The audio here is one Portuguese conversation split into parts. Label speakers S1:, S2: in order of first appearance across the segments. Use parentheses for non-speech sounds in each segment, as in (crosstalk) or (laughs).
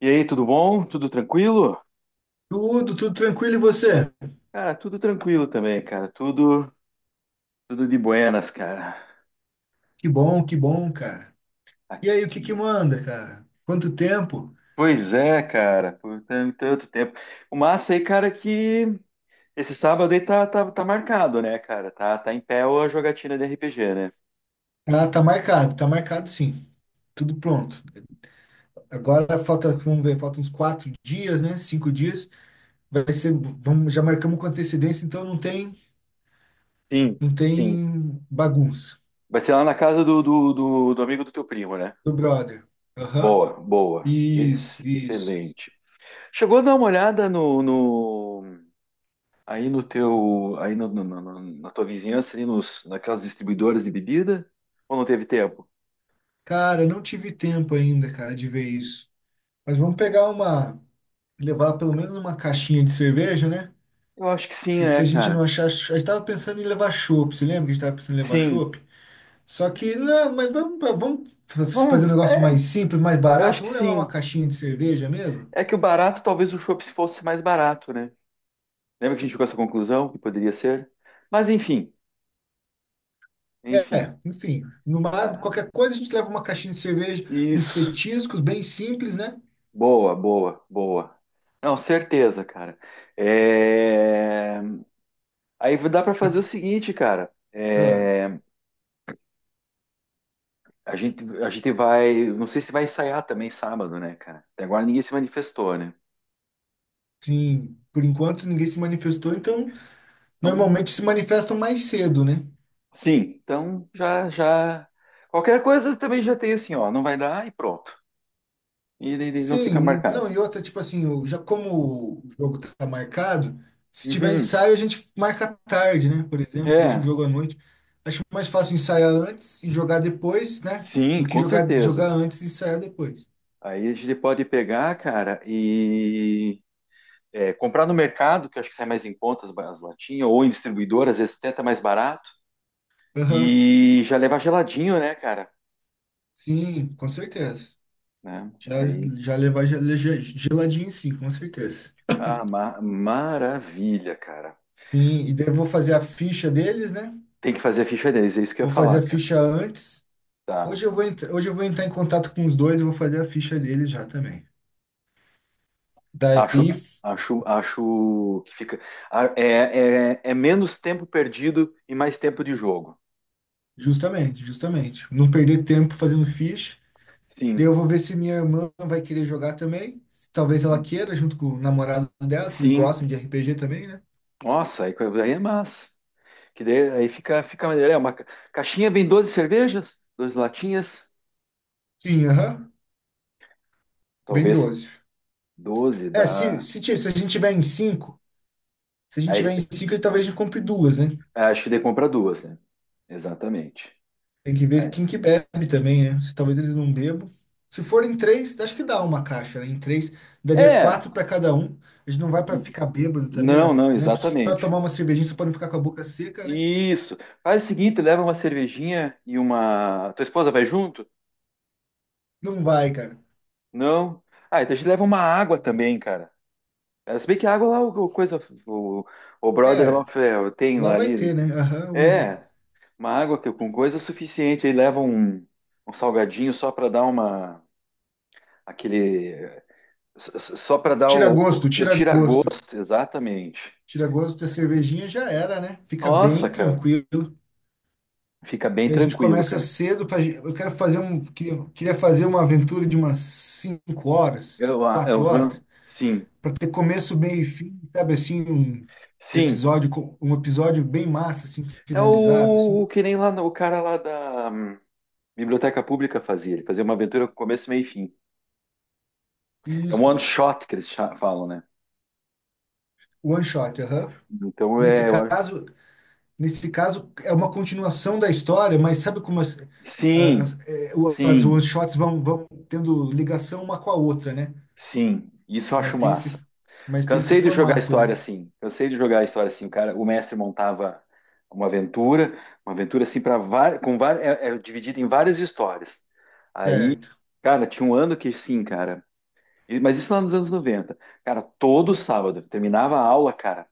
S1: E aí, tudo bom? Tudo tranquilo?
S2: Tudo, tudo tranquilo e você?
S1: Cara, tudo tranquilo também, cara. Tudo de buenas, cara.
S2: Que bom, cara. E aí, o que
S1: Aqui.
S2: que manda, cara? Quanto tempo?
S1: Pois é, cara, tanto tempo. O massa aí, cara, é que esse sábado aí tá marcado, né, cara? Tá em pé a jogatina de RPG, né?
S2: Ah, tá marcado sim. Tudo pronto. Agora falta, vamos ver, faltam uns 4 dias, né? 5 dias. Vamos, já marcamos com antecedência, então
S1: Sim,
S2: não
S1: sim.
S2: tem bagunça.
S1: Vai ser lá na casa do amigo do teu primo, né?
S2: Do brother. Aham.
S1: Boa, boa.
S2: Isso, isso.
S1: Excelente. Chegou a dar uma olhada no, no, Aí no teu, aí no, no- no- na tua vizinhança, ali naquelas distribuidoras de bebida, ou não teve tempo?
S2: Cara, não tive tempo ainda, cara, de ver isso. Mas vamos levar pelo menos uma caixinha de cerveja, né?
S1: Eu acho que sim,
S2: Se
S1: é,
S2: a gente
S1: cara.
S2: não achar. A gente tava pensando em levar chopp. Você lembra que a gente tava pensando em levar
S1: Sim.
S2: chopp? Só que, não, mas vamos fazer um
S1: Bom,
S2: negócio mais simples, mais
S1: eu acho
S2: barato.
S1: que
S2: Vamos levar uma
S1: sim.
S2: caixinha de cerveja mesmo?
S1: É que o barato, talvez o chopp se fosse mais barato, né? Lembra que a gente chegou a essa conclusão que poderia ser? Mas enfim.
S2: É, enfim.
S1: Ah,
S2: Qualquer coisa a gente leva uma caixinha de cerveja, uns
S1: isso.
S2: petiscos bem simples, né?
S1: Boa, boa, boa. Não, certeza, cara. É... Aí dá para
S2: A-
S1: fazer o seguinte, cara.
S2: ah,
S1: A gente vai. Não sei se vai ensaiar também sábado, né, cara? Até agora ninguém se manifestou, né?
S2: sim, por enquanto ninguém se manifestou, então
S1: Então,
S2: normalmente se manifestam mais cedo, né?
S1: sim. Então, já. Qualquer coisa também já tem assim, ó. Não vai dar e pronto. E não fica
S2: Sim,
S1: marcado.
S2: não, e outra, tipo assim, já como o jogo tá marcado, se tiver
S1: Uhum.
S2: ensaio, a gente marca à tarde, né? Por exemplo, deixa o
S1: É,
S2: jogo à noite. Acho mais fácil ensaiar antes e jogar depois, né?
S1: sim,
S2: Do que
S1: com
S2: jogar,
S1: certeza.
S2: jogar antes e ensaiar depois.
S1: Aí a gente pode pegar, cara, e é, comprar no mercado, que eu acho que sai mais em contas as latinhas, ou em distribuidor, às vezes até tá mais barato,
S2: Aham,
S1: e já levar geladinho, né, cara?
S2: sim, com certeza.
S1: Né?
S2: Já,
S1: Aí
S2: já levar geladinho, sim, com certeza.
S1: Maravilha, cara.
S2: Sim, e daí eu vou fazer a ficha deles, né?
S1: Tem que fazer a ficha deles, é isso que eu
S2: Vou
S1: ia
S2: fazer
S1: falar,
S2: a
S1: cara.
S2: ficha antes.
S1: Tá.
S2: Hoje eu vou entrar em contato com os dois e vou fazer a ficha deles já também.
S1: Acho,
S2: Daí.
S1: acho que fica. É, é menos tempo perdido e mais tempo de jogo.
S2: Justamente, justamente. Não perder tempo fazendo ficha. Daí
S1: Sim.
S2: eu vou ver se minha irmã vai querer jogar também. Talvez ela queira, junto com o namorado dela, que eles
S1: Sim.
S2: gostam de RPG também, né?
S1: Nossa, aí é massa. Que daí, fica maneiro. Caixinha vem doze cervejas, 12 latinhas,
S2: Sim, aham. Vem
S1: talvez
S2: 12.
S1: 12
S2: Se,
S1: dá.
S2: se, ti- se a gente tiver em 5 se a gente tiver
S1: Aí,
S2: em 5, talvez a gente compre duas, né?
S1: acho que daí compra duas, né? Exatamente.
S2: Tem que ver
S1: É.
S2: quem que bebe também, né? Se talvez eles não bebam. Se forem três, acho que dá uma caixa, né? Em três, daria
S1: É,
S2: quatro para cada um. A gente não vai para ficar bêbado também, vai,
S1: não, não,
S2: né? Só
S1: exatamente.
S2: tomar uma cervejinha, só para não ficar com a boca seca, né?
S1: Isso. Faz o seguinte, leva uma cervejinha e uma. Tua esposa vai junto?
S2: Não vai, cara.
S1: Não. Ah, então a gente leva uma água também, cara. É, se bem que a água lá, o coisa, o, o brother
S2: É,
S1: lá é, tem
S2: lá
S1: lá
S2: vai
S1: ali.
S2: ter, né? Aham.
S1: É, uma com coisa é suficiente. Aí leva um salgadinho só para dar uma. Aquele. Só para dar
S2: Tira gosto,
S1: o
S2: tira gosto.
S1: tira-gosto, exatamente.
S2: Tira gosto da cervejinha já era, né? Fica
S1: Nossa,
S2: bem
S1: cara.
S2: tranquilo.
S1: Fica bem
S2: Daí a gente
S1: tranquilo,
S2: começa
S1: cara.
S2: cedo para eu quero fazer um queria, queria fazer uma aventura de umas 5 horas,
S1: Eu, ah,
S2: 4
S1: eu,
S2: horas,
S1: sim,
S2: para ter começo, meio e fim, sabe assim, um
S1: sim.
S2: um episódio bem massa assim,
S1: É
S2: finalizado assim.
S1: o que nem lá no- o cara lá da Biblioteca Pública fazia. Ele fazia uma aventura com começo, meio e fim.
S2: E
S1: É um
S2: isso,
S1: one shot que falam, né?
S2: one shot, aham.
S1: Então
S2: Nesse
S1: é.
S2: caso, Nesse caso, é uma continuação da história, mas sabe como
S1: Sim,
S2: as
S1: sim,
S2: one-shots vão tendo ligação uma com a outra, né?
S1: sim. Isso eu
S2: Mas
S1: acho
S2: tem esse,
S1: massa.
S2: mas tem esse
S1: Cansei de jogar
S2: formato, né?
S1: história assim. Cansei de jogar história assim. O cara, o mestre montava uma aventura, uma aventura assim para várias, com várias, é dividida em várias histórias. Aí,
S2: Certo.
S1: cara, tinha um ano que sim, cara. Mas isso lá nos anos 90. Cara, todo sábado terminava a aula, cara.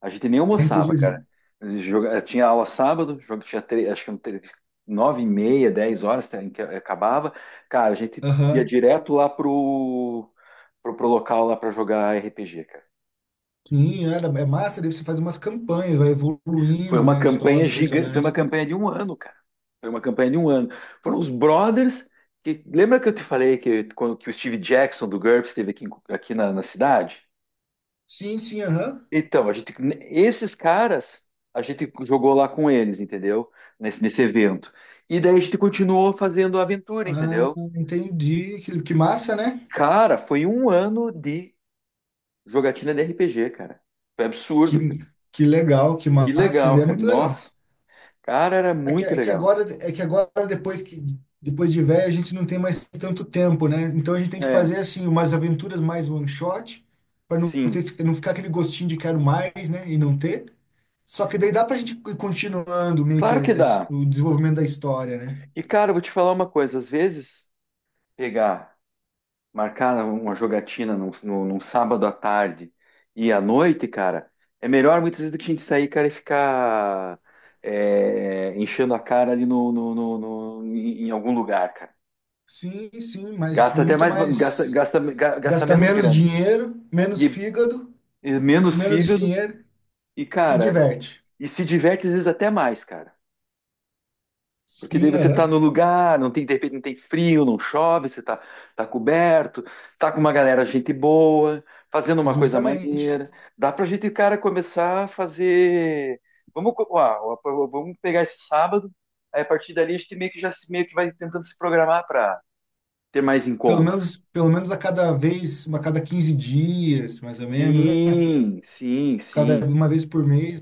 S1: A gente nem almoçava, cara.
S2: RPGzinho.
S1: Tinha aula sábado, jogo tinha acho que nove e meia, dez horas tá, em que acabava. Cara, a gente ia
S2: Aham.
S1: direto pro local lá para jogar RPG, cara.
S2: Sim, era, é massa, daí você faz umas campanhas, vai
S1: Foi
S2: evoluindo,
S1: uma
S2: né? A história,
S1: campanha
S2: os
S1: gigante, foi uma
S2: personagens.
S1: campanha de um ano, cara. Foi uma campanha de um ano. Foram os brothers que lembra que eu te falei que quando que o Steve Jackson do GURPS esteve aqui, aqui na cidade?
S2: Sim, sim, aham.
S1: Então, a gente, esses caras, a gente jogou lá com eles, entendeu? Nesse evento. E daí a gente continuou fazendo a aventura,
S2: Ah,
S1: entendeu?
S2: entendi. Que massa, né?
S1: Cara, foi um ano de jogatina de RPG, cara. Foi
S2: Que,
S1: absurdo, cara.
S2: que legal, que
S1: Que
S2: massa. Isso
S1: legal,
S2: daí é
S1: cara.
S2: muito legal.
S1: Nossa, cara, era
S2: É que,
S1: muito
S2: é que
S1: legal.
S2: agora, é que agora depois de velho, a gente não tem mais tanto tempo, né? Então a gente tem que
S1: É,
S2: fazer assim umas aventuras mais one shot para não
S1: sim.
S2: ter, não ficar aquele gostinho de quero mais, né? E não ter. Só que daí dá pra gente ir continuando meio que
S1: Claro que dá.
S2: o desenvolvimento da história, né?
S1: E, cara, eu vou te falar uma coisa. Às vezes, pegar marcar uma jogatina num sábado à tarde e à noite, cara, é melhor muitas vezes do que a gente sair, cara, e ficar é, enchendo a cara ali em algum lugar, cara.
S2: Sim, sim, mas
S1: Gasta até
S2: muito
S1: mais,
S2: mais
S1: gasta
S2: gasta
S1: menos
S2: menos
S1: grana
S2: dinheiro, menos
S1: e,
S2: fígado
S1: e
S2: e
S1: menos
S2: menos
S1: fígado
S2: dinheiro,
S1: e,
S2: se
S1: cara,
S2: diverte.
S1: e se diverte às vezes até mais, cara. Porque daí
S2: Sim,
S1: você está
S2: aham,
S1: no lugar, não tem, de repente não tem frio, não chove, você está tá coberto, tá com uma galera, gente boa, fazendo uma coisa
S2: justamente.
S1: maneira. Dá pra gente, cara, começar a fazer. Ó, ó, vamos pegar esse sábado, aí a partir dali a gente meio que já se- meio que vai tentando se programar para ter mais encontros.
S2: Pelo menos a cada vez, uma cada 15 dias, mais ou menos, né?
S1: Sim, sim,
S2: Cada
S1: sim.
S2: uma vez por mês,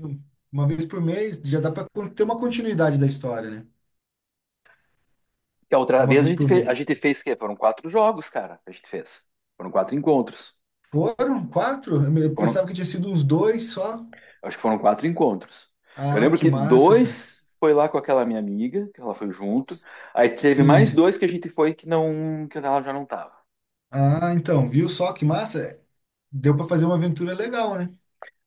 S2: uma vez por mês, já dá para ter uma continuidade da história, né?
S1: E a outra
S2: Uma
S1: vez a
S2: vez
S1: gente
S2: por
S1: fez,
S2: mês.
S1: que foram quatro jogos, cara, que a gente fez. Foram quatro encontros.
S2: Foram quatro? Eu eu
S1: Foram,
S2: pensava que tinha sido uns dois só.
S1: Acho que foram quatro encontros. Eu
S2: Ah,
S1: lembro
S2: que
S1: que
S2: massa, cara.
S1: dois foi lá com aquela minha amiga, que ela foi junto. Aí teve mais
S2: Sim.
S1: dois que a gente foi que não, que ela já não tava.
S2: Ah, então, viu só que massa? Deu para fazer uma aventura legal, né?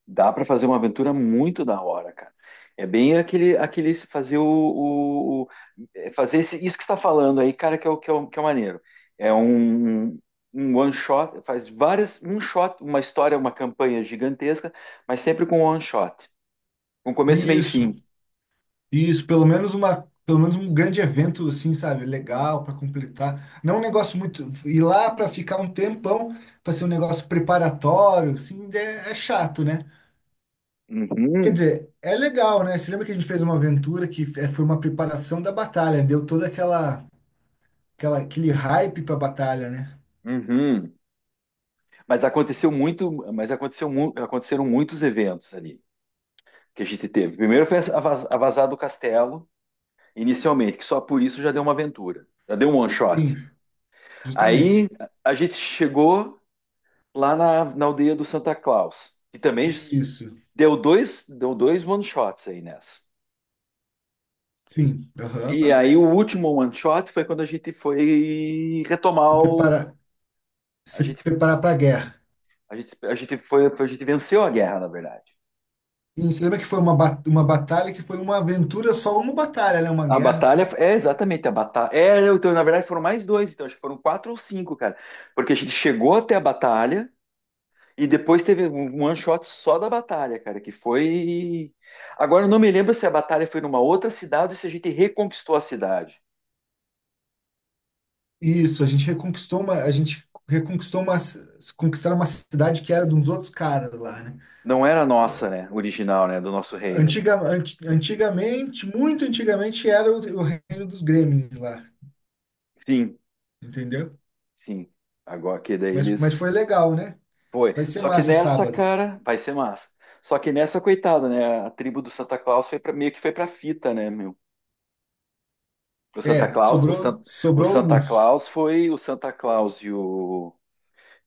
S1: Dá para fazer uma aventura muito da hora, cara. É bem aquele fazer é fazer isso que você está falando aí, cara, que é o que é, que é o maneiro. É um um one shot, faz várias um shot, uma história, uma campanha gigantesca, mas sempre com one shot, com começo, meio e fim.
S2: Isso. Isso, pelo menos um grande evento assim, sabe, legal para completar. Não um negócio muito ir lá para ficar um tempão, para ser um negócio preparatório, assim, é chato, né? Quer
S1: Uhum,
S2: dizer, é legal, né? Você lembra que a gente fez uma aventura que foi uma preparação da batalha, deu toda aquela, aquela aquele hype para a batalha, né?
S1: uhum. Mas aconteceu muito, aconteceram muitos eventos ali que a gente teve. Primeiro foi a vazada do castelo, inicialmente, que só por isso já deu uma aventura, já deu um one shot.
S2: Sim,
S1: Aí
S2: justamente.
S1: a gente chegou lá na aldeia do Santa Claus, que também
S2: Isso.
S1: deu dois one shots aí nessa.
S2: Sim.
S1: E
S2: Aham.
S1: aí o último one shot foi quando a gente foi retomar
S2: Se
S1: o,
S2: preparar,
S1: a
S2: se
S1: gente,
S2: preparar para a guerra.
S1: a gente foi, a gente venceu a guerra, na verdade.
S2: E você lembra que foi uma batalha que foi uma aventura, só uma batalha, né? Uma
S1: A
S2: guerra,
S1: batalha
S2: assim.
S1: é exatamente a batalha. É, então, na verdade, foram mais dois, então acho que foram quatro ou cinco, cara. Porque a gente chegou até a batalha e depois teve um um one shot só da batalha, cara, que foi. Agora eu não me lembro se a batalha foi numa outra cidade ou se a gente reconquistou a cidade.
S2: Isso, a gente reconquistou uma, ci- conquistaram uma cidade que era de uns outros caras lá, né?
S1: Não era nossa, né? Original, né? Do nosso reino, né?
S2: Antigamente, muito antigamente, era o reino dos Gremlins lá,
S1: Sim,
S2: entendeu?
S1: sim. Agora que daí
S2: Mas
S1: eles.
S2: foi legal, né?
S1: Foi.
S2: Vai ser
S1: Só que
S2: massa
S1: nessa,
S2: sábado.
S1: cara, vai ser massa. Só que nessa, coitada, né? A tribo do Santa Claus foi pra... meio que foi pra fita, né, meu? O Santa
S2: É,
S1: Claus, o, San, o
S2: sobrou
S1: Santa
S2: alguns.
S1: Claus foi o Santa Claus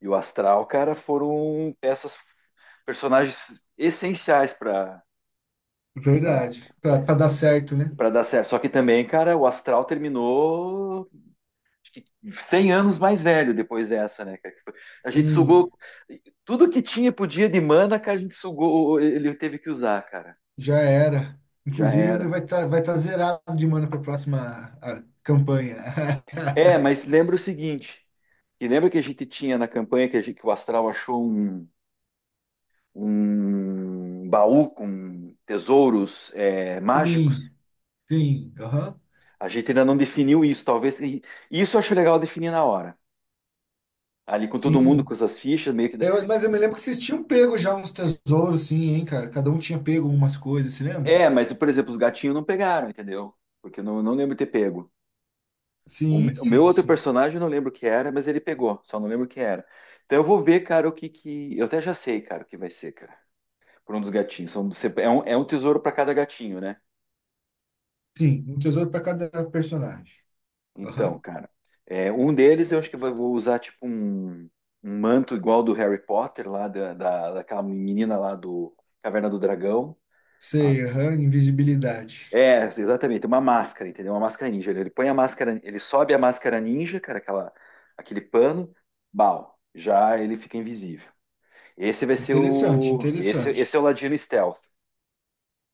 S1: e o Astral, cara, foram peças, personagens essenciais
S2: Verdade. Pra dar certo, né?
S1: para dar certo. Só que também, cara, o Astral terminou acho que 100 anos mais velho depois dessa, né, cara? Tipo, a gente sugou
S2: Sim.
S1: tudo que tinha podia de mana, cara, a gente sugou, ele teve que usar, cara.
S2: Já era.
S1: Já
S2: Inclusive, ele
S1: era.
S2: vai tá zerado de mana para a próxima campanha. (laughs)
S1: É, mas lembra o seguinte, que lembra que a gente tinha na campanha que, que o Astral achou um baú com tesouros é,
S2: Sim,
S1: mágicos.
S2: sim, aham,
S1: A gente ainda não definiu isso, talvez. E isso eu acho legal definir na hora. Ali com todo mundo, com
S2: sim.
S1: essas fichas, meio que.
S2: Mas eu me lembro que vocês tinham pego já uns tesouros, sim, hein, cara? Cada um tinha pego umas coisas, se lembra?
S1: É, mas, por exemplo, os gatinhos não pegaram, entendeu? Porque eu não, não lembro de ter pego.
S2: Sim,
S1: O meu
S2: sim,
S1: outro
S2: sim.
S1: personagem eu não lembro o que era, mas ele pegou, só não lembro o que era. Então eu vou ver, cara, o que que. Eu até já sei, cara, o que vai ser, cara. Por um dos gatinhos. É um tesouro para cada gatinho, né?
S2: Sim, um tesouro para cada personagem.
S1: Então,
S2: Aham.
S1: cara, é, um deles eu acho que eu vou usar tipo um manto igual do Harry Potter, lá daquela menina lá do Caverna do Dragão. Ela-
S2: Sei, aham, invisibilidade.
S1: é, exatamente, uma máscara, entendeu? Uma máscara ninja. Ele põe a máscara, ele sobe a máscara ninja, cara, aquele pano, bal, já ele fica invisível. Esse vai ser
S2: Interessante,
S1: o. Esse
S2: interessante.
S1: é o Ladino Stealth,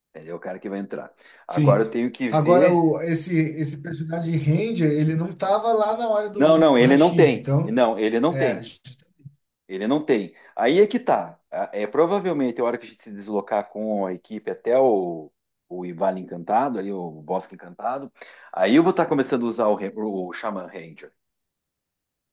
S1: entendeu? O cara que vai entrar.
S2: Sim.
S1: Agora eu tenho que
S2: Agora,
S1: ver.
S2: esse personagem Ranger, ele não tava lá na hora
S1: Não,
S2: do
S1: não, ele não
S2: Rashid,
S1: tem.
S2: então.
S1: Não, ele não
S2: É,
S1: tem.
S2: ju-
S1: Ele não tem. Aí é que tá. É provavelmente a hora que a gente se deslocar com a equipe até o Vale Encantado, ali o Bosque Encantado, aí eu vou estar começando a usar o Shaman Ranger.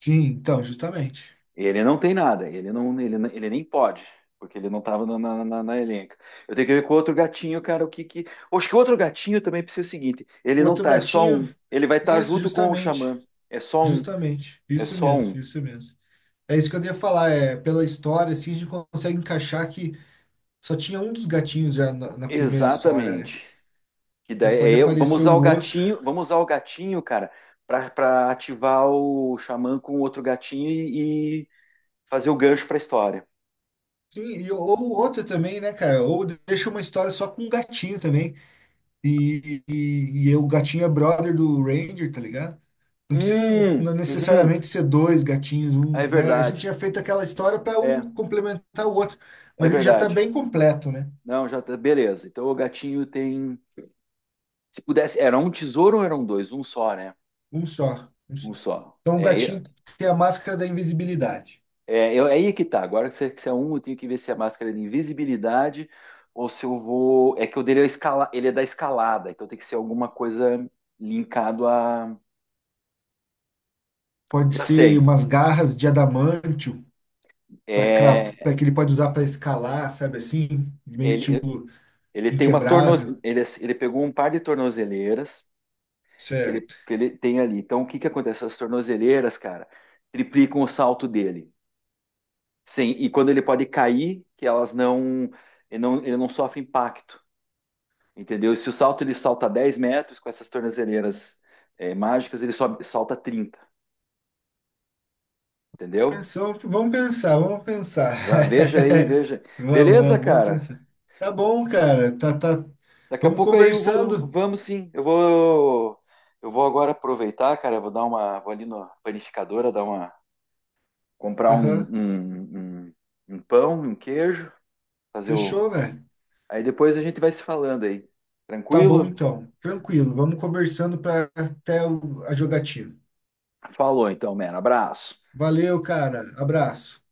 S2: sim, então, justamente.
S1: Ele não tem nada, ele nem pode, porque ele não estava na elenca. Eu tenho que ver com o outro gatinho, cara, o que que. Acho que o outro gatinho também precisa ser o seguinte: ele
S2: O
S1: não
S2: outro
S1: tá, é só
S2: gatinho,
S1: um. Ele vai estar
S2: isso,
S1: junto com o
S2: justamente,
S1: Xamã. É só um,
S2: justamente,
S1: é
S2: isso
S1: só
S2: mesmo,
S1: um.
S2: isso mesmo. É isso que eu ia falar, é, pela história, assim, a gente consegue encaixar que só tinha um dos gatinhos já na primeira história, né?
S1: Exatamente. Que
S2: Então
S1: daí
S2: pode
S1: vamos
S2: aparecer
S1: usar
S2: o
S1: o
S2: outro.
S1: gatinho, vamos usar o gatinho, cara, pra ativar o xamã com outro gatinho e fazer o gancho pra história.
S2: Sim, ou o outro também, né, cara? Ou deixa uma história só com um gatinho também. E o gatinho é brother do Ranger, tá ligado? Não precisa
S1: Uhum,
S2: necessariamente ser dois gatinhos,
S1: é
S2: um, né? A gente
S1: verdade.
S2: já fez aquela história para
S1: É,
S2: um complementar o outro,
S1: é
S2: mas ele já está
S1: verdade.
S2: bem completo, né?
S1: Não, já tá, beleza. Então o gatinho tem, se pudesse, era um tesouro ou eram dois? Um só, né?
S2: Um só, um só.
S1: Um só.
S2: Então o gatinho tem a máscara da invisibilidade.
S1: Aí é que tá. Agora que você é um, eu tenho que ver se a máscara é de invisibilidade ou se eu vou. É que o dele é, escala... ele é da escalada, então tem que ser alguma coisa linkado a.
S2: Pode
S1: Já
S2: ser
S1: sei.
S2: umas garras de adamantio
S1: É,
S2: para que ele pode usar para escalar, sabe assim, meio
S1: ele,
S2: estilo
S1: ele tem uma tornoz
S2: inquebrável.
S1: ele, ele pegou um par de tornozeleiras
S2: Certo.
S1: que ele tem ali. Então o que que acontece? As tornozeleiras, cara, triplicam o salto dele. Sim, e quando ele pode cair, que elas não. Ele não sofre impacto. Entendeu? E se o salto ele salta 10 metros com essas tornozeleiras é, mágicas, ele sobe, salta 30. Entendeu?
S2: Pensou, vamos pensar, vamos pensar. (laughs)
S1: Veja aí, veja.
S2: Vamos,
S1: Beleza,
S2: vamos, vamos
S1: cara?
S2: pensar. Tá bom, cara. Tá, tá.
S1: Daqui a
S2: Vamos
S1: pouco aí eu vou,
S2: conversando.
S1: vamos sim. Eu vou agora aproveitar, cara, eu vou dar uma, vou ali na panificadora, dar uma, comprar
S2: Aham.
S1: um pão, um queijo, fazer o.
S2: Fechou, velho.
S1: Aí depois a gente vai se falando aí.
S2: Tá bom
S1: Tranquilo?
S2: então. Tranquilo. Vamos conversando para até a jogatina.
S1: Falou então, mano. Abraço.
S2: Valeu, cara. Abraço.